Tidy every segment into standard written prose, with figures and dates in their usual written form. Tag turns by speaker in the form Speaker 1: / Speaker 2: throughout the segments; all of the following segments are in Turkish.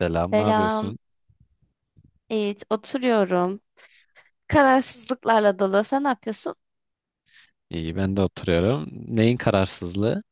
Speaker 1: Selam, ne
Speaker 2: Selam.
Speaker 1: yapıyorsun?
Speaker 2: Evet, oturuyorum. Kararsızlıklarla dolu. Sen ne yapıyorsun?
Speaker 1: İyi, ben de oturuyorum. Neyin kararsızlığı?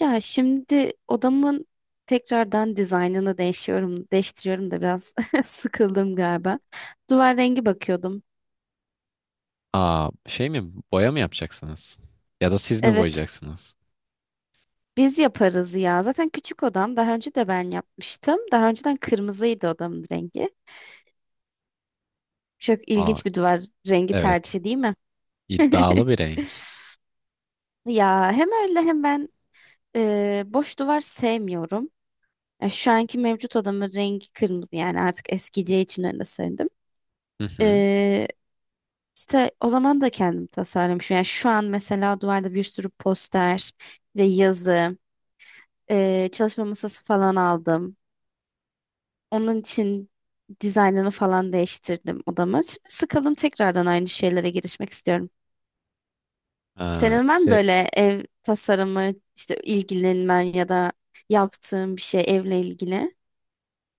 Speaker 2: Ya şimdi odamın tekrardan dizaynını değiştiriyorum da biraz sıkıldım galiba. Duvar rengi bakıyordum.
Speaker 1: Aa, şey mi? Boya mı yapacaksınız? Ya da siz mi
Speaker 2: Evet,
Speaker 1: boyayacaksınız?
Speaker 2: biz yaparız ya. Zaten küçük odam. Daha önce de ben yapmıştım. Daha önceden kırmızıydı odamın rengi. Çok
Speaker 1: Aa,
Speaker 2: ilginç bir duvar rengi
Speaker 1: evet.
Speaker 2: tercihi değil mi?
Speaker 1: İddialı bir renk.
Speaker 2: Ya hem öyle hem ben boş duvar sevmiyorum. Ya şu anki mevcut odamın rengi kırmızı yani artık eskiyeceği için öyle söyledim.
Speaker 1: Hı hı.
Speaker 2: Ee, işte o zaman da kendim tasarlamışım. Yani şu an mesela duvarda bir sürü poster ve yazı, çalışma masası falan aldım. Onun için dizaynını falan değiştirdim odamı. Şimdi sıkıldım tekrardan aynı şeylere girişmek istiyorum.
Speaker 1: Aa,
Speaker 2: Senin var mı böyle ev tasarımı, işte ilgilenmen ya da yaptığın bir şey evle ilgili?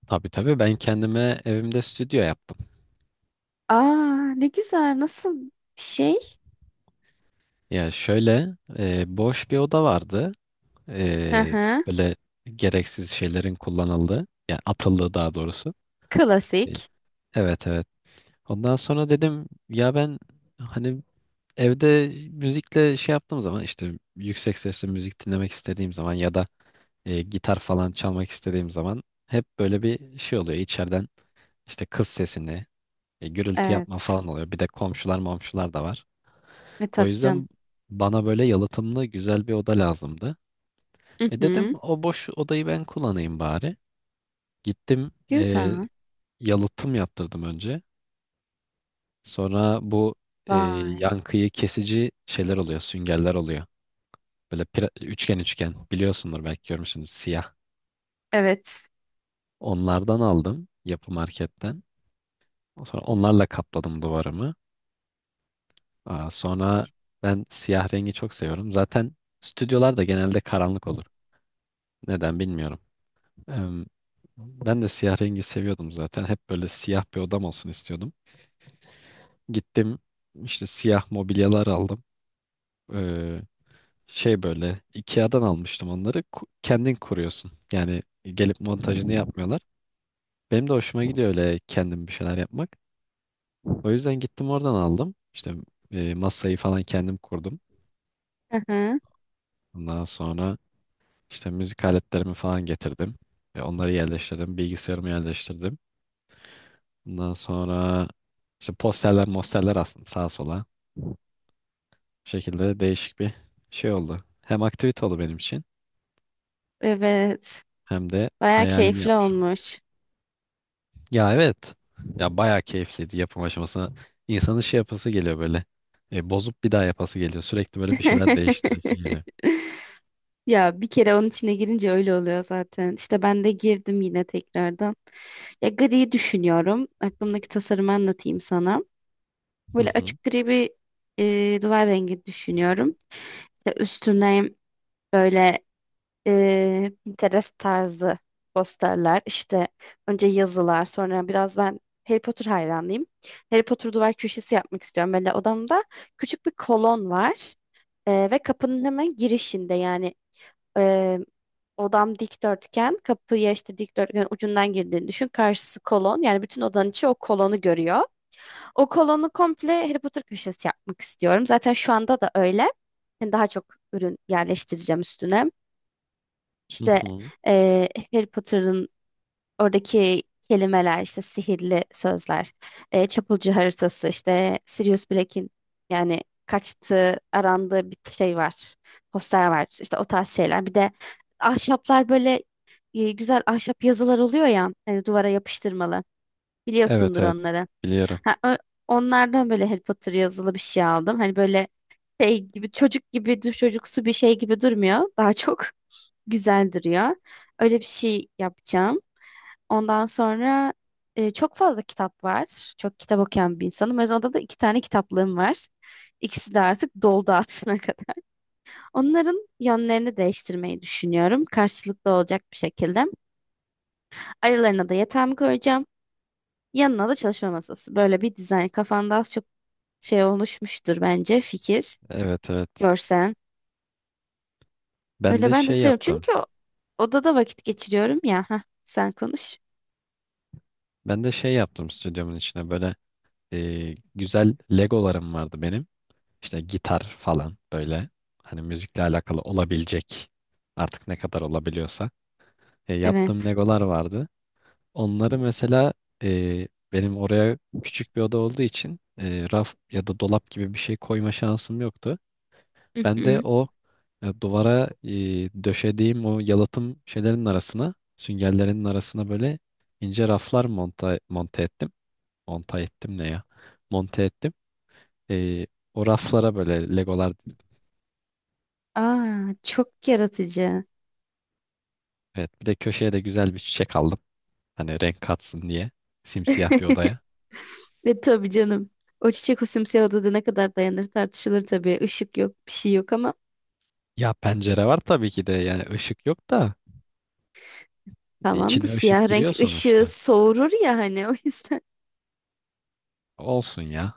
Speaker 1: tabii tabii ben kendime evimde stüdyo yaptım.
Speaker 2: Aa, ne güzel, nasıl bir şey?
Speaker 1: Ya şöyle boş bir oda vardı.
Speaker 2: Hı
Speaker 1: E,
Speaker 2: hı.
Speaker 1: böyle gereksiz şeylerin kullanıldığı, yani atıldığı daha doğrusu. E,
Speaker 2: Klasik.
Speaker 1: Evet, evet. Ondan sonra dedim ya ben hani evde müzikle şey yaptığım zaman işte yüksek sesle müzik dinlemek istediğim zaman ya da gitar falan çalmak istediğim zaman hep böyle bir şey oluyor. İçeriden işte kız sesini, gürültü yapma
Speaker 2: Evet.
Speaker 1: falan oluyor. Bir de komşular momşular da var.
Speaker 2: E
Speaker 1: O
Speaker 2: tabii canım.
Speaker 1: yüzden bana böyle yalıtımlı güzel bir oda lazımdı.
Speaker 2: Hı
Speaker 1: Dedim
Speaker 2: hı.
Speaker 1: o boş odayı ben kullanayım bari. Gittim
Speaker 2: Güzel.
Speaker 1: yalıtım yaptırdım önce. Sonra bu
Speaker 2: Vay.
Speaker 1: yankıyı kesici şeyler oluyor, süngerler oluyor. Böyle üçgen üçgen biliyorsundur, belki görmüşsünüz, siyah.
Speaker 2: Evet.
Speaker 1: Onlardan aldım yapı marketten. Sonra onlarla kapladım duvarımı. Aa, sonra ben siyah rengi çok seviyorum. Zaten stüdyolar da genelde karanlık olur. Neden bilmiyorum. Em, ben de siyah rengi seviyordum zaten. Hep böyle siyah bir odam olsun istiyordum. Gittim işte siyah mobilyalar aldım. Ee, Şey böyle IKEA'dan almıştım onları. Kendin kuruyorsun. Yani gelip montajını yapmıyorlar. Benim de hoşuma gidiyor öyle kendim bir şeyler yapmak. O yüzden gittim oradan aldım. İşte masayı falan kendim kurdum.
Speaker 2: Hı hı.
Speaker 1: Ondan sonra işte müzik aletlerimi falan getirdim. Onları yerleştirdim. Bilgisayarımı yerleştirdim. Ondan sonra işte posterler mosterler astım sağa sola. Bu şekilde değişik bir şey oldu. Hem aktivite oldu benim için
Speaker 2: Evet.
Speaker 1: hem de
Speaker 2: Baya
Speaker 1: hayalimi
Speaker 2: keyifli
Speaker 1: yapmış oldum.
Speaker 2: olmuş.
Speaker 1: Ya evet. Ya bayağı keyifliydi yapım aşamasına. İnsanın şey yapası geliyor böyle. Bozup bir daha yapası geliyor. Sürekli böyle bir şeyler değiştiresi geliyor.
Speaker 2: Ya bir kere onun içine girince öyle oluyor zaten. İşte ben de girdim yine tekrardan. Ya gri düşünüyorum. Aklımdaki tasarımı anlatayım sana.
Speaker 1: Hı
Speaker 2: Böyle
Speaker 1: hı.
Speaker 2: açık gri bir duvar rengi düşünüyorum. İşte üstüne böyle Pinterest tarzı posterler. İşte önce yazılar, sonra biraz ben Harry Potter hayranıyım. Harry Potter duvar köşesi yapmak istiyorum. Böyle odamda küçük bir kolon var. Ve kapının hemen girişinde yani e, odam dikdörtgen, kapıya işte dikdörtgen ucundan girdiğini düşün. Karşısı kolon. Yani bütün odanın içi o kolonu görüyor. O kolonu komple Harry Potter köşesi yapmak istiyorum. Zaten şu anda da öyle. Yani daha çok ürün yerleştireceğim üstüne.
Speaker 1: Hı
Speaker 2: İşte
Speaker 1: hı.
Speaker 2: eee Harry Potter'ın oradaki kelimeler, işte sihirli sözler, çapulcu haritası, işte Sirius Black'in yani kaçtığı, arandığı bir şey var, poster var, işte o tarz şeyler. Bir de ahşaplar böyle güzel ahşap yazılar oluyor ya, duvara yapıştırmalı.
Speaker 1: Evet,
Speaker 2: Biliyorsundur
Speaker 1: evet,
Speaker 2: onları.
Speaker 1: biliyorum.
Speaker 2: Ha, onlardan böyle Harry Potter yazılı bir şey aldım. Hani böyle şey gibi çocuk gibi dur çocuksu bir şey gibi durmuyor. Daha çok güzel duruyor. Öyle bir şey yapacağım. Ondan sonra çok fazla kitap var. Çok kitap okuyan bir insanım. O yüzden odada da iki tane kitaplığım var. İkisi de artık doldu aslına kadar. Onların yönlerini değiştirmeyi düşünüyorum. Karşılıklı olacak bir şekilde. Aralarına da yatağımı koyacağım. Yanına da çalışma masası. Böyle bir dizayn. Kafanda az çok şey oluşmuştur bence fikir.
Speaker 1: Evet, evet.
Speaker 2: Görsen.
Speaker 1: Ben
Speaker 2: Öyle
Speaker 1: de
Speaker 2: ben de
Speaker 1: şey
Speaker 2: seviyorum.
Speaker 1: yaptım.
Speaker 2: Çünkü odada vakit geçiriyorum ya. Heh, sen konuş.
Speaker 1: Ben de şey yaptım stüdyomun içine böyle, güzel Legolarım vardı benim. İşte gitar falan, böyle hani müzikle alakalı olabilecek artık ne kadar olabiliyorsa. Yaptığım
Speaker 2: Evet.
Speaker 1: Legolar vardı. Onları mesela benim oraya küçük bir oda olduğu için raf ya da dolap gibi bir şey koyma şansım yoktu.
Speaker 2: Hı
Speaker 1: Ben de
Speaker 2: hı.
Speaker 1: o duvara, döşediğim o yalıtım şeylerin arasına, süngerlerin arasına böyle ince raflar monte ettim. Monta ettim ne ya? Monte ettim. E, O raflara böyle legolar,
Speaker 2: Aa, çok yaratıcı.
Speaker 1: evet, bir de köşeye de güzel bir çiçek aldım. Hani renk katsın diye, simsiyah bir odaya.
Speaker 2: Ve tabii canım. O çiçek o simsiyah odada ne kadar dayanır tartışılır tabii. Işık yok, bir şey yok ama
Speaker 1: Ya pencere var tabii ki de, yani ışık yok da
Speaker 2: tamam da
Speaker 1: içine ışık
Speaker 2: siyah
Speaker 1: giriyor
Speaker 2: renk ışığı
Speaker 1: sonuçta.
Speaker 2: soğurur ya hani o yüzden
Speaker 1: Olsun ya.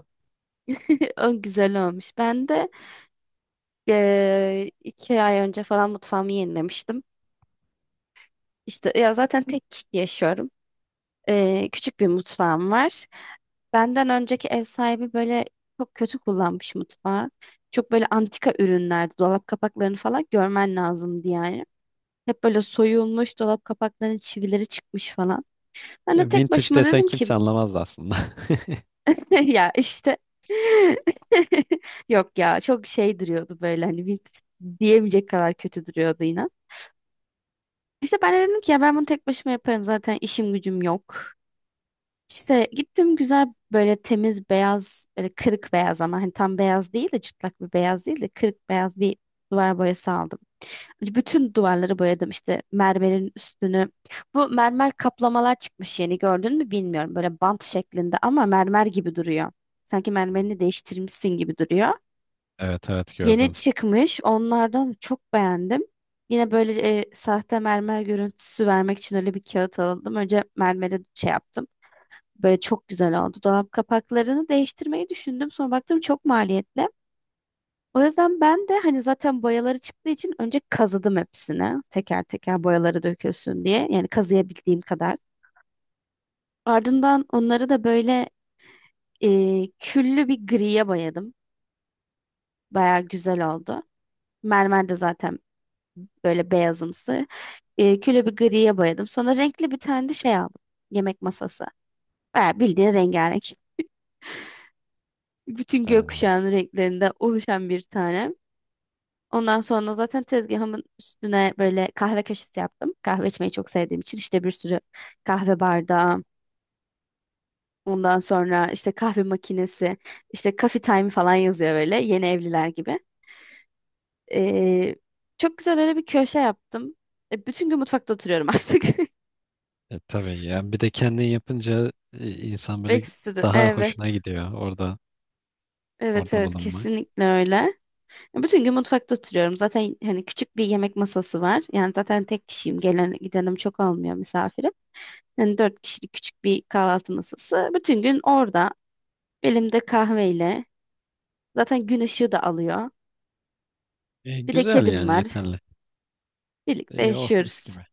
Speaker 2: o güzel olmuş. Ben de 2 ay önce falan mutfağımı yenilemiştim. İşte ya zaten tek yaşıyorum. Küçük bir mutfağım var. Benden önceki ev sahibi böyle çok kötü kullanmış mutfağı. Çok böyle antika ürünlerdi. Dolap kapaklarını falan görmen lazımdı yani. Hep böyle soyulmuş dolap kapaklarının çivileri çıkmış falan. Ben
Speaker 1: Ya
Speaker 2: de tek
Speaker 1: vintage
Speaker 2: başıma
Speaker 1: desen
Speaker 2: dedim ki
Speaker 1: kimse anlamaz aslında.
Speaker 2: ya işte yok ya çok şey duruyordu böyle hani vintage diyemeyecek kadar kötü duruyordu inan. İşte ben de dedim ki ya ben bunu tek başıma yaparım zaten işim gücüm yok. İşte gittim güzel böyle temiz beyaz böyle kırık beyaz ama hani tam beyaz değil de çıtlak bir beyaz değil de kırık beyaz bir duvar boyası aldım. Bütün duvarları boyadım işte mermerin üstünü. Bu mermer kaplamalar çıkmış yeni gördün mü bilmiyorum böyle bant şeklinde ama mermer gibi duruyor. Sanki
Speaker 1: Hmm.
Speaker 2: mermerini değiştirmişsin gibi duruyor.
Speaker 1: Evet, evet,
Speaker 2: Yeni
Speaker 1: gördüm.
Speaker 2: çıkmış onlardan çok beğendim. Yine böyle sahte mermer görüntüsü vermek için öyle bir kağıt aldım. Önce mermere şey yaptım. Böyle çok güzel oldu. Dolap kapaklarını değiştirmeyi düşündüm. Sonra baktım çok maliyetli. O yüzden ben de hani zaten boyaları çıktığı için önce kazıdım hepsini. Teker teker boyaları dökülsün diye. Yani kazıyabildiğim kadar. Ardından onları da böyle küllü bir griye boyadım. Baya güzel oldu. Mermer de zaten böyle beyazımsı. Küllü bir griye boyadım. Sonra renkli bir tane de şey aldım. Yemek masası. Baya bildiğin rengarenk. Bütün
Speaker 1: Ee,
Speaker 2: gökkuşağının renklerinde oluşan bir tane. Ondan sonra zaten tezgahımın üstüne böyle kahve köşesi yaptım. Kahve içmeyi çok sevdiğim için işte bir sürü kahve bardağı, ondan sonra işte kahve makinesi, işte coffee time falan yazıyor böyle yeni evliler gibi. Ee, çok güzel öyle bir köşe yaptım. Bütün gün mutfakta oturuyorum artık.
Speaker 1: tabii yani bir de kendin yapınca insan böyle
Speaker 2: Ekstra.
Speaker 1: daha hoşuna
Speaker 2: Evet.
Speaker 1: gidiyor orada
Speaker 2: Evet,
Speaker 1: orada
Speaker 2: evet,
Speaker 1: bulunmak.
Speaker 2: kesinlikle öyle. Bütün gün mutfakta oturuyorum. Zaten hani küçük bir yemek masası var. Yani zaten tek kişiyim. Gelen gidenim çok olmuyor misafirim. Yani dört kişilik küçük bir kahvaltı masası. Bütün gün orada elimde kahveyle. Zaten gün ışığı da alıyor.
Speaker 1: E,
Speaker 2: Bir de
Speaker 1: güzel
Speaker 2: kedim
Speaker 1: yani
Speaker 2: var.
Speaker 1: yeterli.
Speaker 2: Birlikte
Speaker 1: Oh, mis
Speaker 2: yaşıyoruz.
Speaker 1: gibi.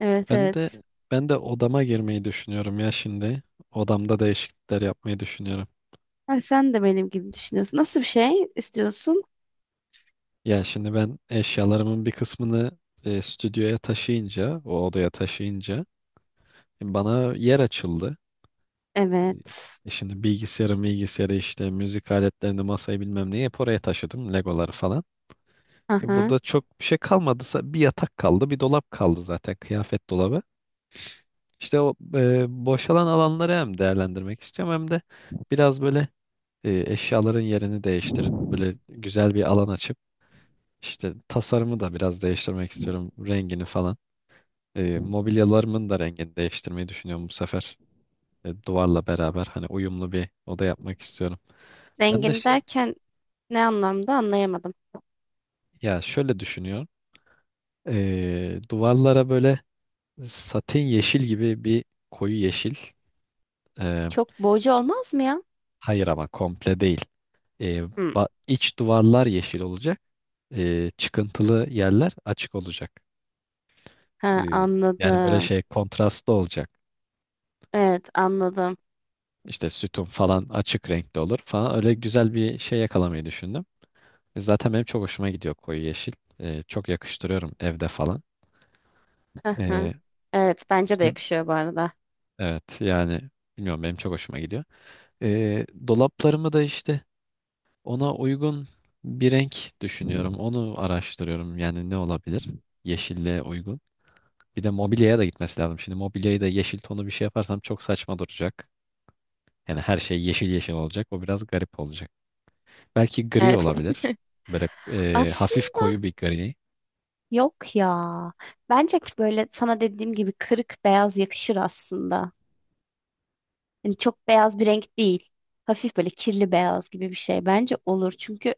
Speaker 2: Evet,
Speaker 1: Ben de
Speaker 2: evet.
Speaker 1: ben de odama girmeyi düşünüyorum ya şimdi. Odamda değişiklikler yapmayı düşünüyorum.
Speaker 2: Ha, sen de benim gibi düşünüyorsun. Nasıl bir şey istiyorsun?
Speaker 1: Ya şimdi ben eşyalarımın bir kısmını stüdyoya taşıyınca, o odaya taşıyınca, bana yer açıldı.
Speaker 2: Evet.
Speaker 1: Şimdi bilgisayarı işte müzik aletlerini, masayı bilmem neyi hep oraya taşıdım. Legoları falan. E,
Speaker 2: Aha.
Speaker 1: burada çok bir şey kalmadıysa bir yatak kaldı, bir dolap kaldı, zaten kıyafet dolabı. İşte o boşalan alanları hem değerlendirmek istiyorum, hem de biraz böyle eşyaların yerini değiştirip böyle güzel bir alan açıp işte tasarımı da biraz değiştirmek istiyorum, rengini falan. Mobilyalarımın da rengini değiştirmeyi düşünüyorum bu sefer. Duvarla beraber hani uyumlu bir oda yapmak istiyorum. Ben de
Speaker 2: Rengini
Speaker 1: şey
Speaker 2: derken ne anlamda anlayamadım.
Speaker 1: Ya şöyle düşünüyorum. Duvarlara böyle satin yeşil gibi bir koyu yeşil. Ee,
Speaker 2: Çok boğucu olmaz mı ya?
Speaker 1: hayır ama komple değil. Ee,
Speaker 2: Hı.
Speaker 1: iç duvarlar yeşil olacak. Çıkıntılı yerler açık olacak.
Speaker 2: Ha,
Speaker 1: Ee, Yani böyle
Speaker 2: anladım.
Speaker 1: şey kontrastlı olacak.
Speaker 2: Evet, anladım.
Speaker 1: İşte sütun falan açık renkli olur falan. Öyle güzel bir şey yakalamayı düşündüm. Zaten benim çok hoşuma gidiyor koyu yeşil. Çok yakıştırıyorum evde falan.
Speaker 2: Hı hı.
Speaker 1: Ee,
Speaker 2: Evet, bence de
Speaker 1: işte
Speaker 2: yakışıyor bu arada.
Speaker 1: evet, yani bilmiyorum, benim çok hoşuma gidiyor. Dolaplarımı da işte ona uygun bir renk düşünüyorum. Onu araştırıyorum. Yani ne olabilir? Yeşille uygun. Bir de mobilyaya da gitmesi lazım. Şimdi mobilyayı da yeşil tonu bir şey yaparsam çok saçma duracak. Yani her şey yeşil yeşil olacak. O biraz garip olacak. Belki gri
Speaker 2: Evet.
Speaker 1: olabilir. Böyle, hafif
Speaker 2: Aslında
Speaker 1: koyu bir gri.
Speaker 2: yok ya. Bence böyle sana dediğim gibi kırık beyaz yakışır aslında. Yani çok beyaz bir renk değil. Hafif böyle kirli beyaz gibi bir şey bence olur. Çünkü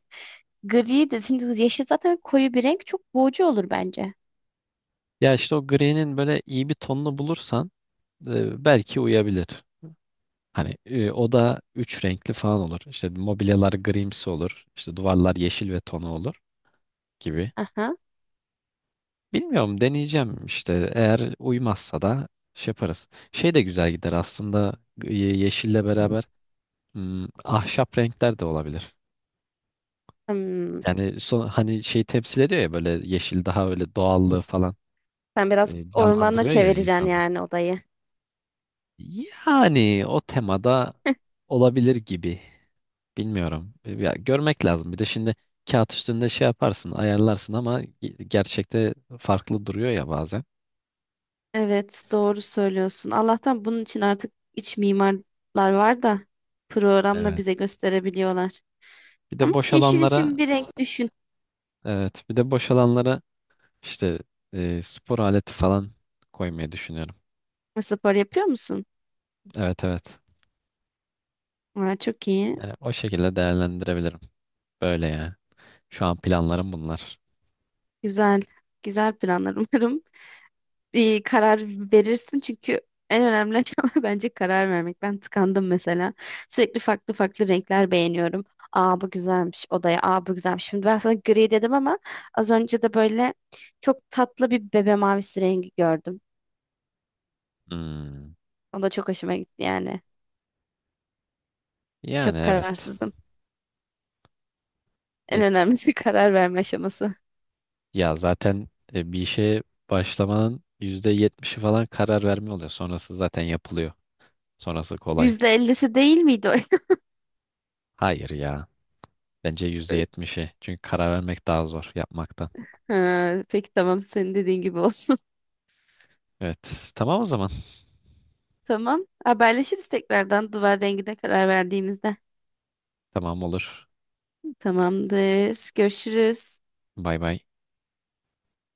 Speaker 2: gri de şimdi yeşil zaten koyu bir renk çok boğucu olur bence.
Speaker 1: Ya işte o gri'nin böyle iyi bir tonunu bulursan, belki uyabilir. Hani, o da üç renkli falan olur. İşte mobilyalar grimsi olur. İşte duvarlar yeşil ve tonu olur gibi.
Speaker 2: Aha.
Speaker 1: Bilmiyorum, deneyeceğim işte. Eğer uymazsa da şey yaparız. Şey de güzel gider aslında, yeşille beraber, ahşap renkler de olabilir.
Speaker 2: Hmm.
Speaker 1: Yani hani şey temsil ediyor ya, böyle yeşil daha öyle doğallığı falan
Speaker 2: Sen biraz ormana
Speaker 1: canlandırıyor ya
Speaker 2: çevireceksin
Speaker 1: insanı.
Speaker 2: yani odayı.
Speaker 1: Yani o temada olabilir gibi. Bilmiyorum. Ya, görmek lazım. Bir de şimdi kağıt üstünde şey yaparsın, ayarlarsın, ama gerçekte farklı duruyor ya bazen.
Speaker 2: Evet, doğru söylüyorsun. Allah'tan bunun için artık iç mimarlar var da programla
Speaker 1: Evet.
Speaker 2: bize gösterebiliyorlar.
Speaker 1: Bir
Speaker 2: Ama
Speaker 1: de boş
Speaker 2: yeşil için
Speaker 1: alanlara
Speaker 2: bir renk düşün.
Speaker 1: Evet, bir de boş alanlara işte spor aleti falan koymayı düşünüyorum.
Speaker 2: Spor yapıyor musun?
Speaker 1: Evet, evet.
Speaker 2: Aa, çok iyi.
Speaker 1: Yani o şekilde değerlendirebilirim. Böyle yani. Şu an planlarım bunlar.
Speaker 2: Güzel. Güzel planlar umarım. İyi karar verirsin çünkü en önemli aşama bence karar vermek. Ben tıkandım mesela. Sürekli farklı farklı renkler beğeniyorum. Aa, bu güzelmiş odaya. Aa, bu güzelmiş. Şimdi ben sana gri dedim ama az önce de böyle çok tatlı bir bebe mavisi rengi gördüm.
Speaker 1: Hmm.
Speaker 2: O da çok hoşuma gitti yani.
Speaker 1: Yani
Speaker 2: Çok
Speaker 1: evet.
Speaker 2: kararsızım. En
Speaker 1: E,
Speaker 2: önemlisi karar verme aşaması.
Speaker 1: Ya zaten bir işe başlamanın %70'i falan karar verme oluyor. Sonrası zaten yapılıyor. Sonrası kolay.
Speaker 2: %50'si değil miydi o?
Speaker 1: Hayır ya. Bence %70'i. Çünkü karar vermek daha zor yapmaktan.
Speaker 2: Ha, peki tamam, senin dediğin gibi olsun.
Speaker 1: Evet. Tamam o zaman.
Speaker 2: Tamam. Haberleşiriz tekrardan duvar rengine karar verdiğimizde.
Speaker 1: Tamam olur.
Speaker 2: Tamamdır. Görüşürüz.
Speaker 1: Bay bay.